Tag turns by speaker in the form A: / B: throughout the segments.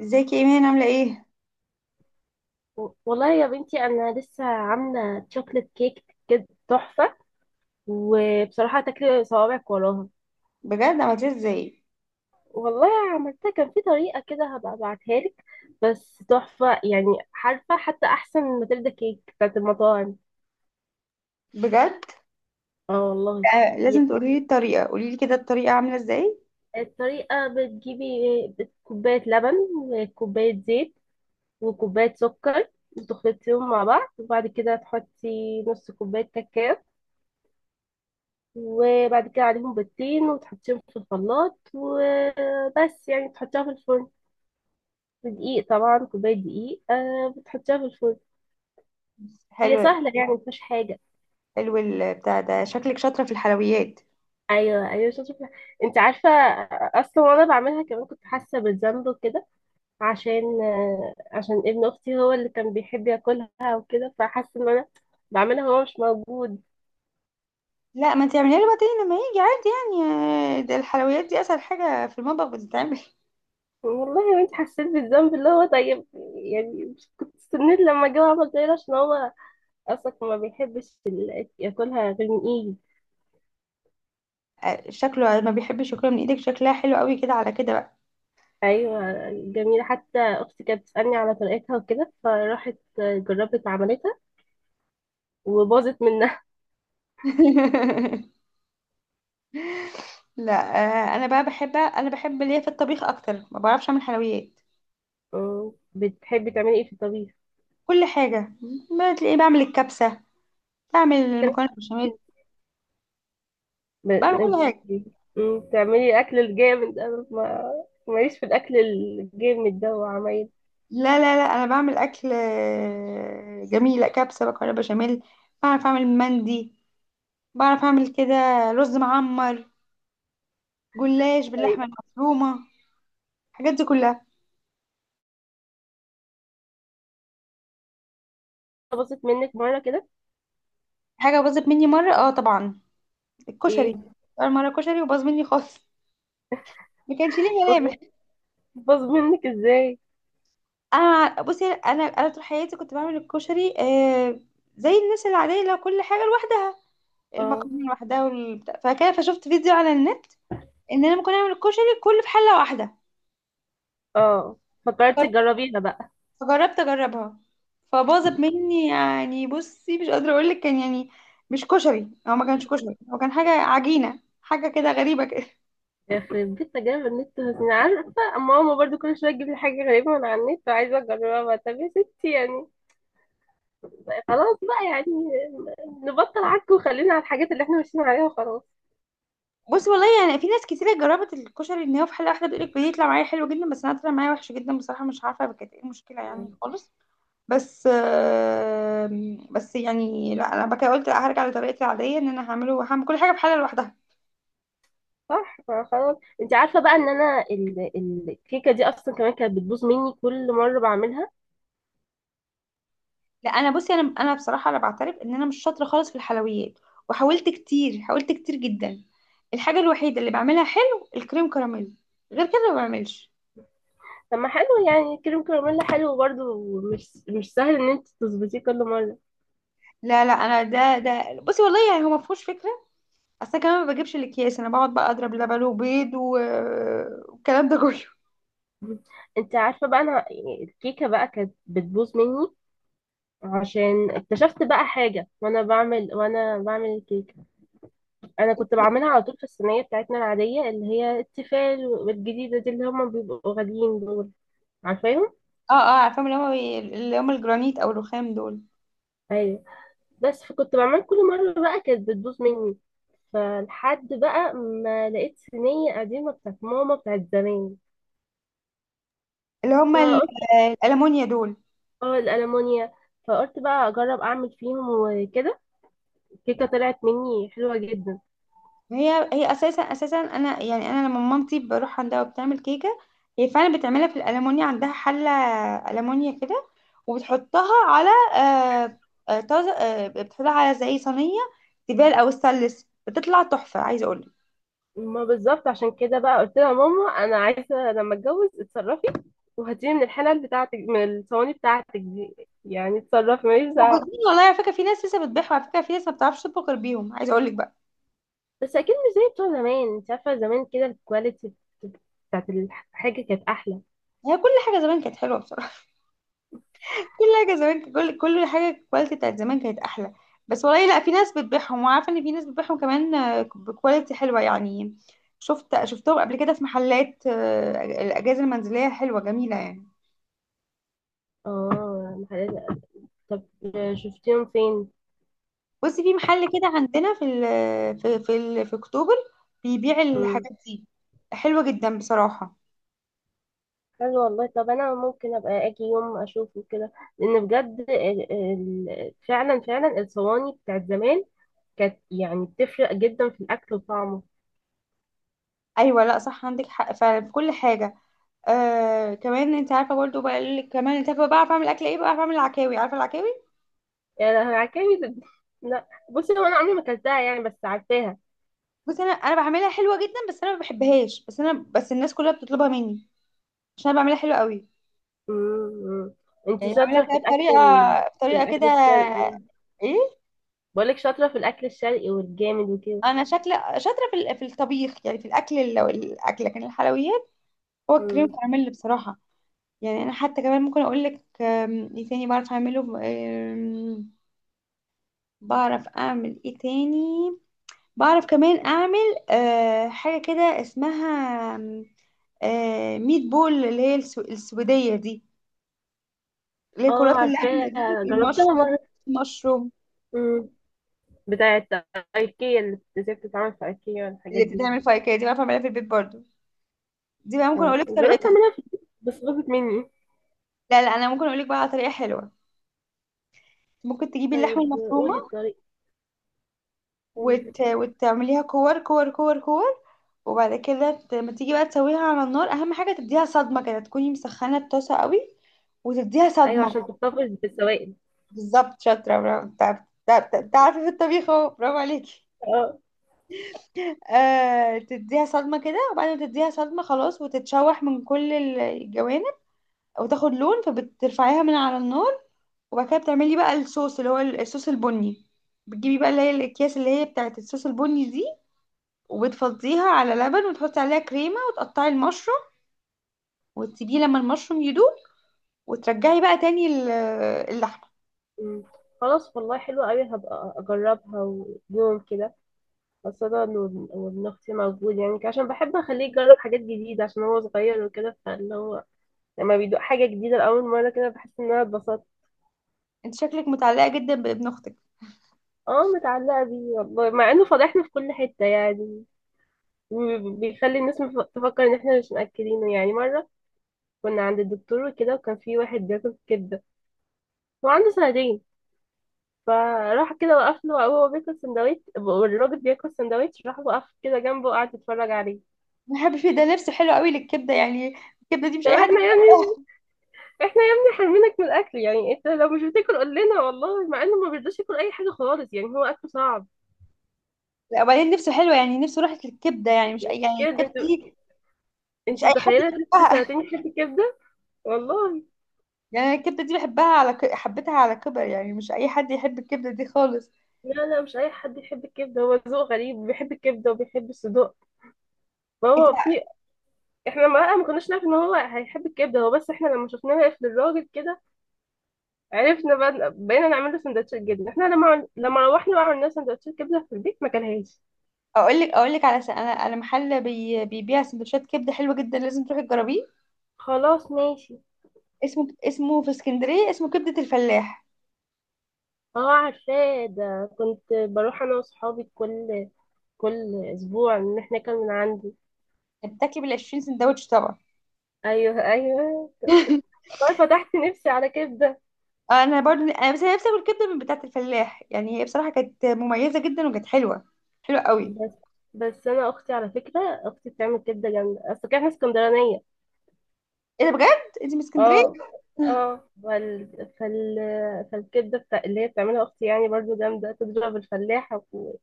A: ازيك يا ايمان؟ عامله ايه؟
B: والله يا بنتي، انا لسه عامله شوكليت كيك كده تحفه. وبصراحه تاكلي صوابعك وراها.
A: بجد عملتيها ازاي؟
B: والله عملتها كان في طريقه كده، هبقى ابعتها لك. بس تحفه يعني. عارفه حتى احسن من ماتيلدا كيك بتاعت المطاعم.
A: بجد؟
B: اه والله.
A: آه
B: هي
A: لازم تقولي لي الطريقه. قولي لي كده الطريقه عامله ازاي.
B: الطريقه، بتجيبي كوبايه لبن وكوبايه زيت وكوبايه سكر، وتخلطيهم مع بعض، وبعد كده تحطي نص كوبايه كاكاو، وبعد كده عليهم بيضتين، وتحطيهم في الخلاط وبس يعني تحطيها في الفرن. دقيق طبعا، كوباية دقيق، بتحطيها في الفرن. هي
A: حلو.
B: سهلة يعني مفيهاش حاجة.
A: حلو، البتاع ده شكلك شاطره في الحلويات.
B: أيوة أيوة، شاطرة. أنت عارفة، أصلا وأنا بعملها كمان كنت حاسة بالذنب وكده، عشان عشان ابن أختي هو اللي كان بيحب ياكلها وكده، فحاسة إن أنا بعملها وهو مش موجود.
A: لا، ما انت اعمليها له بعدين لما يجي عادي يعني. ده الحلويات دي اسهل حاجه في المطبخ بتتعمل.
B: والله يا بنتي، حسيت بالذنب اللي هو طيب يعني. مش كنت استنيت لما جه عمل زي ده، عشان هو اصلا ما بيحبش ياكلها غير من ايدي.
A: شكله ما بيحبش ياكلها من ايدك، شكلها حلو قوي كده، على كده بقى.
B: ايوه، جميله. حتى اختي كانت بتسالني على طريقتها وكده، فراحت جربت عملتها وباظت منها.
A: لا. انا بقى بحب، انا بحب ليا في الطبيخ اكتر، ما بعرفش اعمل حلويات.
B: بتحبي تعملي ايه في الطبيخ؟
A: كل حاجه. ما تلاقيه بعمل الكبسه، بعمل
B: بت-
A: المكرونه بالبشاميل،
B: ب-
A: بعمل كل
B: انت-
A: حاجه.
B: بتعملي اكل الجامد؟ انا ما ماليش في الاكل الجامد ده وعمايل.
A: لا انا بعمل اكل جميل، لا كبسه بقى، بشاميل. بعرف اعمل مندي، بعرف اعمل كده، رز معمر، جلاش
B: طيب،
A: باللحمه المفرومه، الحاجات دي كلها.
B: باظت منك مره كده؟
A: حاجه باظت مني مره؟ اه طبعا،
B: ايه،
A: الكشري. اول مره كشري وباظ مني خالص، ما كانش ليه
B: باظ؟
A: ملامح.
B: باظ منك ازاي؟
A: انا بصي، انا طول حياتي كنت بعمل الكشري زي الناس العاديه، لو كل حاجه لوحدها،
B: اه
A: المكرونه لوحدها والبتاع، فكده فشفت فيديو على النت ان انا ممكن اعمل الكشري كله في حله واحده.
B: اه، فكرتي تجربيها بقى.
A: فجربت اجربها، فباظت مني. يعني بصي مش قادره اقول لك كان يعني مش كشري، هو ما كانش كشري، هو كان حاجه عجينه، حاجه كده غريبه كده.
B: يخرب بيت تجارب النت، أنا عارفة ماما برضو كل شوية تجيب لي حاجة غريبة من على النت وعايزة أجربها بقى. طب يا ستي يعني خلاص بقى يعني، نبطل عك وخلينا على الحاجات اللي احنا ماشيين عليها وخلاص.
A: بصي والله يعني في ناس كتيرة جربت الكشري ان هو في حلقة واحدة، بتقولك بيطلع معايا حلو جدا، بس انا طلع معايا وحش جدا بصراحة. مش عارفة كانت ايه المشكلة يعني
B: مم.
A: خالص. بس بس يعني لا انا بقى قلت لا، هرجع لطريقتي العادية ان انا هعمله، هعمل كل حاجة في حلة لوحدها.
B: صح، ما خلاص. انت عارفة بقى ان انا الكيكة دي اصلا كمان كانت بتبوظ مني كل مرة بعملها.
A: لا، انا بصي، انا بصراحه انا بعترف ان انا مش شاطره خالص في الحلويات. وحاولت كتير، حاولت كتير جدا. الحاجه الوحيده اللي بعملها حلو الكريم كراميل، غير كده ما بعملش.
B: طب ما حلو يعني، كريم كراميل حلو برضو، مش مش سهل ان انت تظبطيه كل مرة.
A: لا لا، انا ده بصي والله يعني هو ما فيهوش فكره. اصل أنا كمان ما بجيبش الاكياس، انا بقعد بقى اضرب لبن وبيض و- والكلام ده كله.
B: انت عارفة بقى، انا يعني الكيكة بقى كانت بتبوظ مني، عشان اكتشفت بقى حاجة وانا بعمل، وانا بعمل الكيكة. انا كنت بعملها على طول في الصينية بتاعتنا العادية، اللي هي التيفال والجديدة دي اللي هما بيبقوا غاليين دول. عارفاهم،
A: اه اه عارفاهم، اللي هم، اللي هم الجرانيت او الرخام دول.
B: ايوه. بس فكنت بعمل كل مرة بقى كانت بتبوظ مني، فلحد بقى ما لقيت صينية قديمة بتاعت ماما بتاعت زمان،
A: اللي هم ال-
B: فقلت.
A: الالمونيا دول.
B: اه، الألمونيا. فقلت بقى اجرب اعمل فيهم وكده، الكيكة طلعت مني حلوة جدا.
A: هي اساسا انا يعني، انا لما مامتي بروح عندها وبتعمل كيكه هي فعلا بتعملها في الالمونيا، عندها حله المونيا كده، وبتحطها على آه، آه، طاز آه، بتحطها على زي صينيه تيفال او ستانلس بتطلع تحفه، عايزه اقول لك.
B: ما بالظبط، عشان كده بقى قلت لها ماما انا عايزه لما اتجوز اتصرفي وهاتيلي من الحلل بتاعتك، من الصواني بتاعتك دي. يعني اتصرفي ماليش دعوه.
A: موجودين والله على فكره، في ناس لسه بتبيعها، على فكره في ناس ما بتعرفش تطبخ غير بيهم، عايزه اقول لك بقى.
B: بس اكيد مش زي بتوع زمان، انت عارفه زمان كده الكواليتي بتاعت الحاجه كانت احلى.
A: هي كل حاجه زمان كانت حلوه بصراحه. كل حاجه زمان، كل حاجه الكواليتي بتاعت زمان كانت احلى. بس والله لا، في ناس بتبيعهم، وعارفه ان في ناس بتبيعهم كمان بكواليتي حلوه يعني. شفتهم قبل كده في محلات الاجهزه المنزليه حلوه جميله يعني.
B: اه، طب شفتيهم فين؟
A: بصي، في محل كده عندنا في ال في اكتوبر بيبيع
B: مم.
A: الحاجات دي، حلوه جدا بصراحه.
B: حلو والله، طب انا ممكن ابقى اجي يوم اشوفه كده، لان بجد فعلا فعلا الصواني بتاعت زمان كانت يعني بتفرق جدا في الاكل وطعمه.
A: ايوه لا صح، عندك حق فعلا في كل حاجه. آه كمان انت عارفه برضه بقى ال- كمان انت عارفه بقى، بعرف اعمل اكل ايه بقى، بعرف اعمل العكاوي، عارفه العكاوي؟
B: يا لهوي، عكاوي لا بصي، هو انا عمري ما اكلتها يعني، بس عارفاها.
A: بس انا بعملها حلوه جدا، بس انا ما بحبهاش، بس انا الناس كلها بتطلبها مني عشان انا بعملها حلوه قوي.
B: امم، انت
A: يعني بعملها
B: شاطره
A: كده
B: في
A: بطريقه،
B: في
A: بطريقه كده.
B: الاكل الشرقي؟
A: ايه.
B: بقولك شاطره في الاكل الشرقي والجامد وكده.
A: انا شكل شاطره في ال- في الطبيخ يعني، في الاكل ال- الاكل، لكن الحلويات هو الكريم
B: امم.
A: كراميل بصراحه. يعني انا حتى كمان ممكن اقول لك ايه تاني بعرف اعمله، بعرف اعمل ايه تاني. بعرف كمان اعمل أه حاجه كده اسمها أم، أه ميت بول، اللي هي السويديه دي، اللي هي
B: اه
A: كرات اللحمه دي،
B: عارفاها، جربتها
A: المشروم،
B: مره.
A: مشروم.
B: امم، بتاعه ايكيا، اللي ازاي بتتعمل في ايكيا والحاجات
A: اللي
B: دي.
A: بتتعمل فايكيه دي بعرف اعملها في البيت برضو. دي بقى ممكن اقول
B: اه،
A: لك
B: جربت
A: طريقتها.
B: اعملها في البيت بس باظت مني.
A: لا لا، انا ممكن اقول لك بقى على طريقه حلوه. ممكن تجيبي اللحمه
B: طيب
A: المفرومه
B: قولي الطريقه. مم.
A: وت... وتعمليها كور كور كور كور. وبعد كده ت- لما تيجي بقى تسويها على النار، اهم حاجه تديها صدمه كده، تكوني مسخنه الطاسه قوي وتديها
B: ايوه،
A: صدمه.
B: عشان تحتفظ بالسوائل.
A: بالظبط شاطره، برافو. تعرفي في الطبيخ اهو، برافو عليكي.
B: اه.
A: آه، تديها صدمه كده، وبعد ما تديها صدمه خلاص، وتتشوح من كل الجوانب وتاخد لون، فبترفعيها من على النار. وبعد كده بتعملي بقى الصوص، اللي هو الصوص البني. بتجيبي بقى اللي هي الاكياس اللي هي بتاعت الصوص البني دي، وبتفضيها على لبن، وتحطي عليها كريمة، وتقطعي المشروم، وتسيبيه لما المشروم يدوب، وترجعي بقى تاني ال- اللحمة.
B: مم. خلاص والله، حلوة قوي، هبقى اجربها ويوم كده، خاصة وابن أختي موجود يعني، عشان بحب أخليه يجرب حاجات جديدة، عشان هو صغير وكده، فاللي هو لما بيدوق حاجة جديدة لأول مرة كده بحس إن أنا اتبسطت.
A: انت شكلك متعلقة جدا بابن اختك.
B: اه، متعلقة بيه والله، مع إنه فضحنا في كل حتة يعني، وبيخلي الناس تفكر إن إحنا مش مأكلينه. يعني مرة كنا عند الدكتور وكده، وكان في واحد بياكل كبدة، هو عنده سنتين، فراح كده وقف له وهو بياكل سندوتش، والراجل بياكل سندوتش، راح وقف كده جنبه وقعد يتفرج عليه.
A: بحب فيه ده، لبس حلو قوي للكبدة يعني، الكبدة دي مش
B: طب
A: اي حد
B: احنا يعني،
A: بيحبها.
B: احنا يا ابني حرمينك من الاكل يعني، انت لو مش بتاكل قول لنا. والله مع انه ما بيرضاش ياكل اي حاجه خالص، يعني هو اكله صعب
A: لا وبعدين نفسه حلوة يعني، نفسه راحت للكبدة يعني، مش اي يعني
B: كده.
A: الكبدة
B: انتوا،
A: دي مش
B: انتوا
A: اي حد
B: متخيله طفل
A: يحبها.
B: سنتين يحب الكبده؟ والله
A: يعني أنا الكبده دي بحبها على ك... حبيتها على كبر، يعني مش اي حد يحب الكبده دي خالص.
B: لا لا، مش اي حد يحب الكبده، هو ذوق غريب، بيحب الكبده وبيحب الصدوق.
A: انت.
B: فهو في. احنا ما كناش نعرف ان هو هيحب الكبده هو، بس احنا لما شفناه واقف للراجل كده، عرفنا بقى، بقينا نعمل له سندوتشات جبنه. احنا لما لما روحنا وعملنا سندوتشات كبده في البيت ما كلهاش.
A: اقول لك على س... انا محل بي... بيبيع سندوتشات كبده حلوه جدا، لازم تروحي تجربيه.
B: خلاص ماشي.
A: اسمه في اسكندريه، اسمه كبده الفلاح.
B: اه عارفاه ده، كنت بروح انا واصحابي كل اسبوع نحن من عندي.
A: بتاكلي بال 20 سندوتش طبعا.
B: ايوه ايوه. والله فتحت نفسي على كبده.
A: انا برضو انا بس أنا نفسي اكل كبده من بتاعه الفلاح، يعني هي بصراحه كانت مميزه جدا وكانت حلوه، حلوه قوي.
B: بس بس انا اختي، على فكره اختي بتعمل كبده جامده، اصل احنا اسكندرانيه.
A: ايه ده، بجد انت من اسكندريه؟
B: اه اه. فال... فالكبده اللي هي بتعملها اختي، يعني برضو جامده، تضرب الفلاحه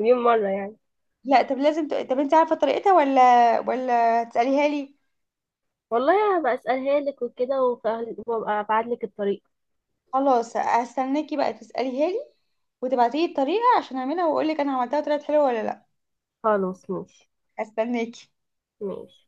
B: مليون مره يعني.
A: لا طب لازم ت... طب انت عارفه طريقتها ولا؟ ولا تساليها لي؟
B: والله هبقى اسالها لك وكده، وابقى ابعت لك الطريق.
A: خلاص، هستناكي بقى تسأليها لي وتبعتيلي الطريقة عشان اعملها واقولك انا عملتها وطلعت حلوة ولا لا.
B: خلاص ماشي.
A: هستناكي.
B: ماشي.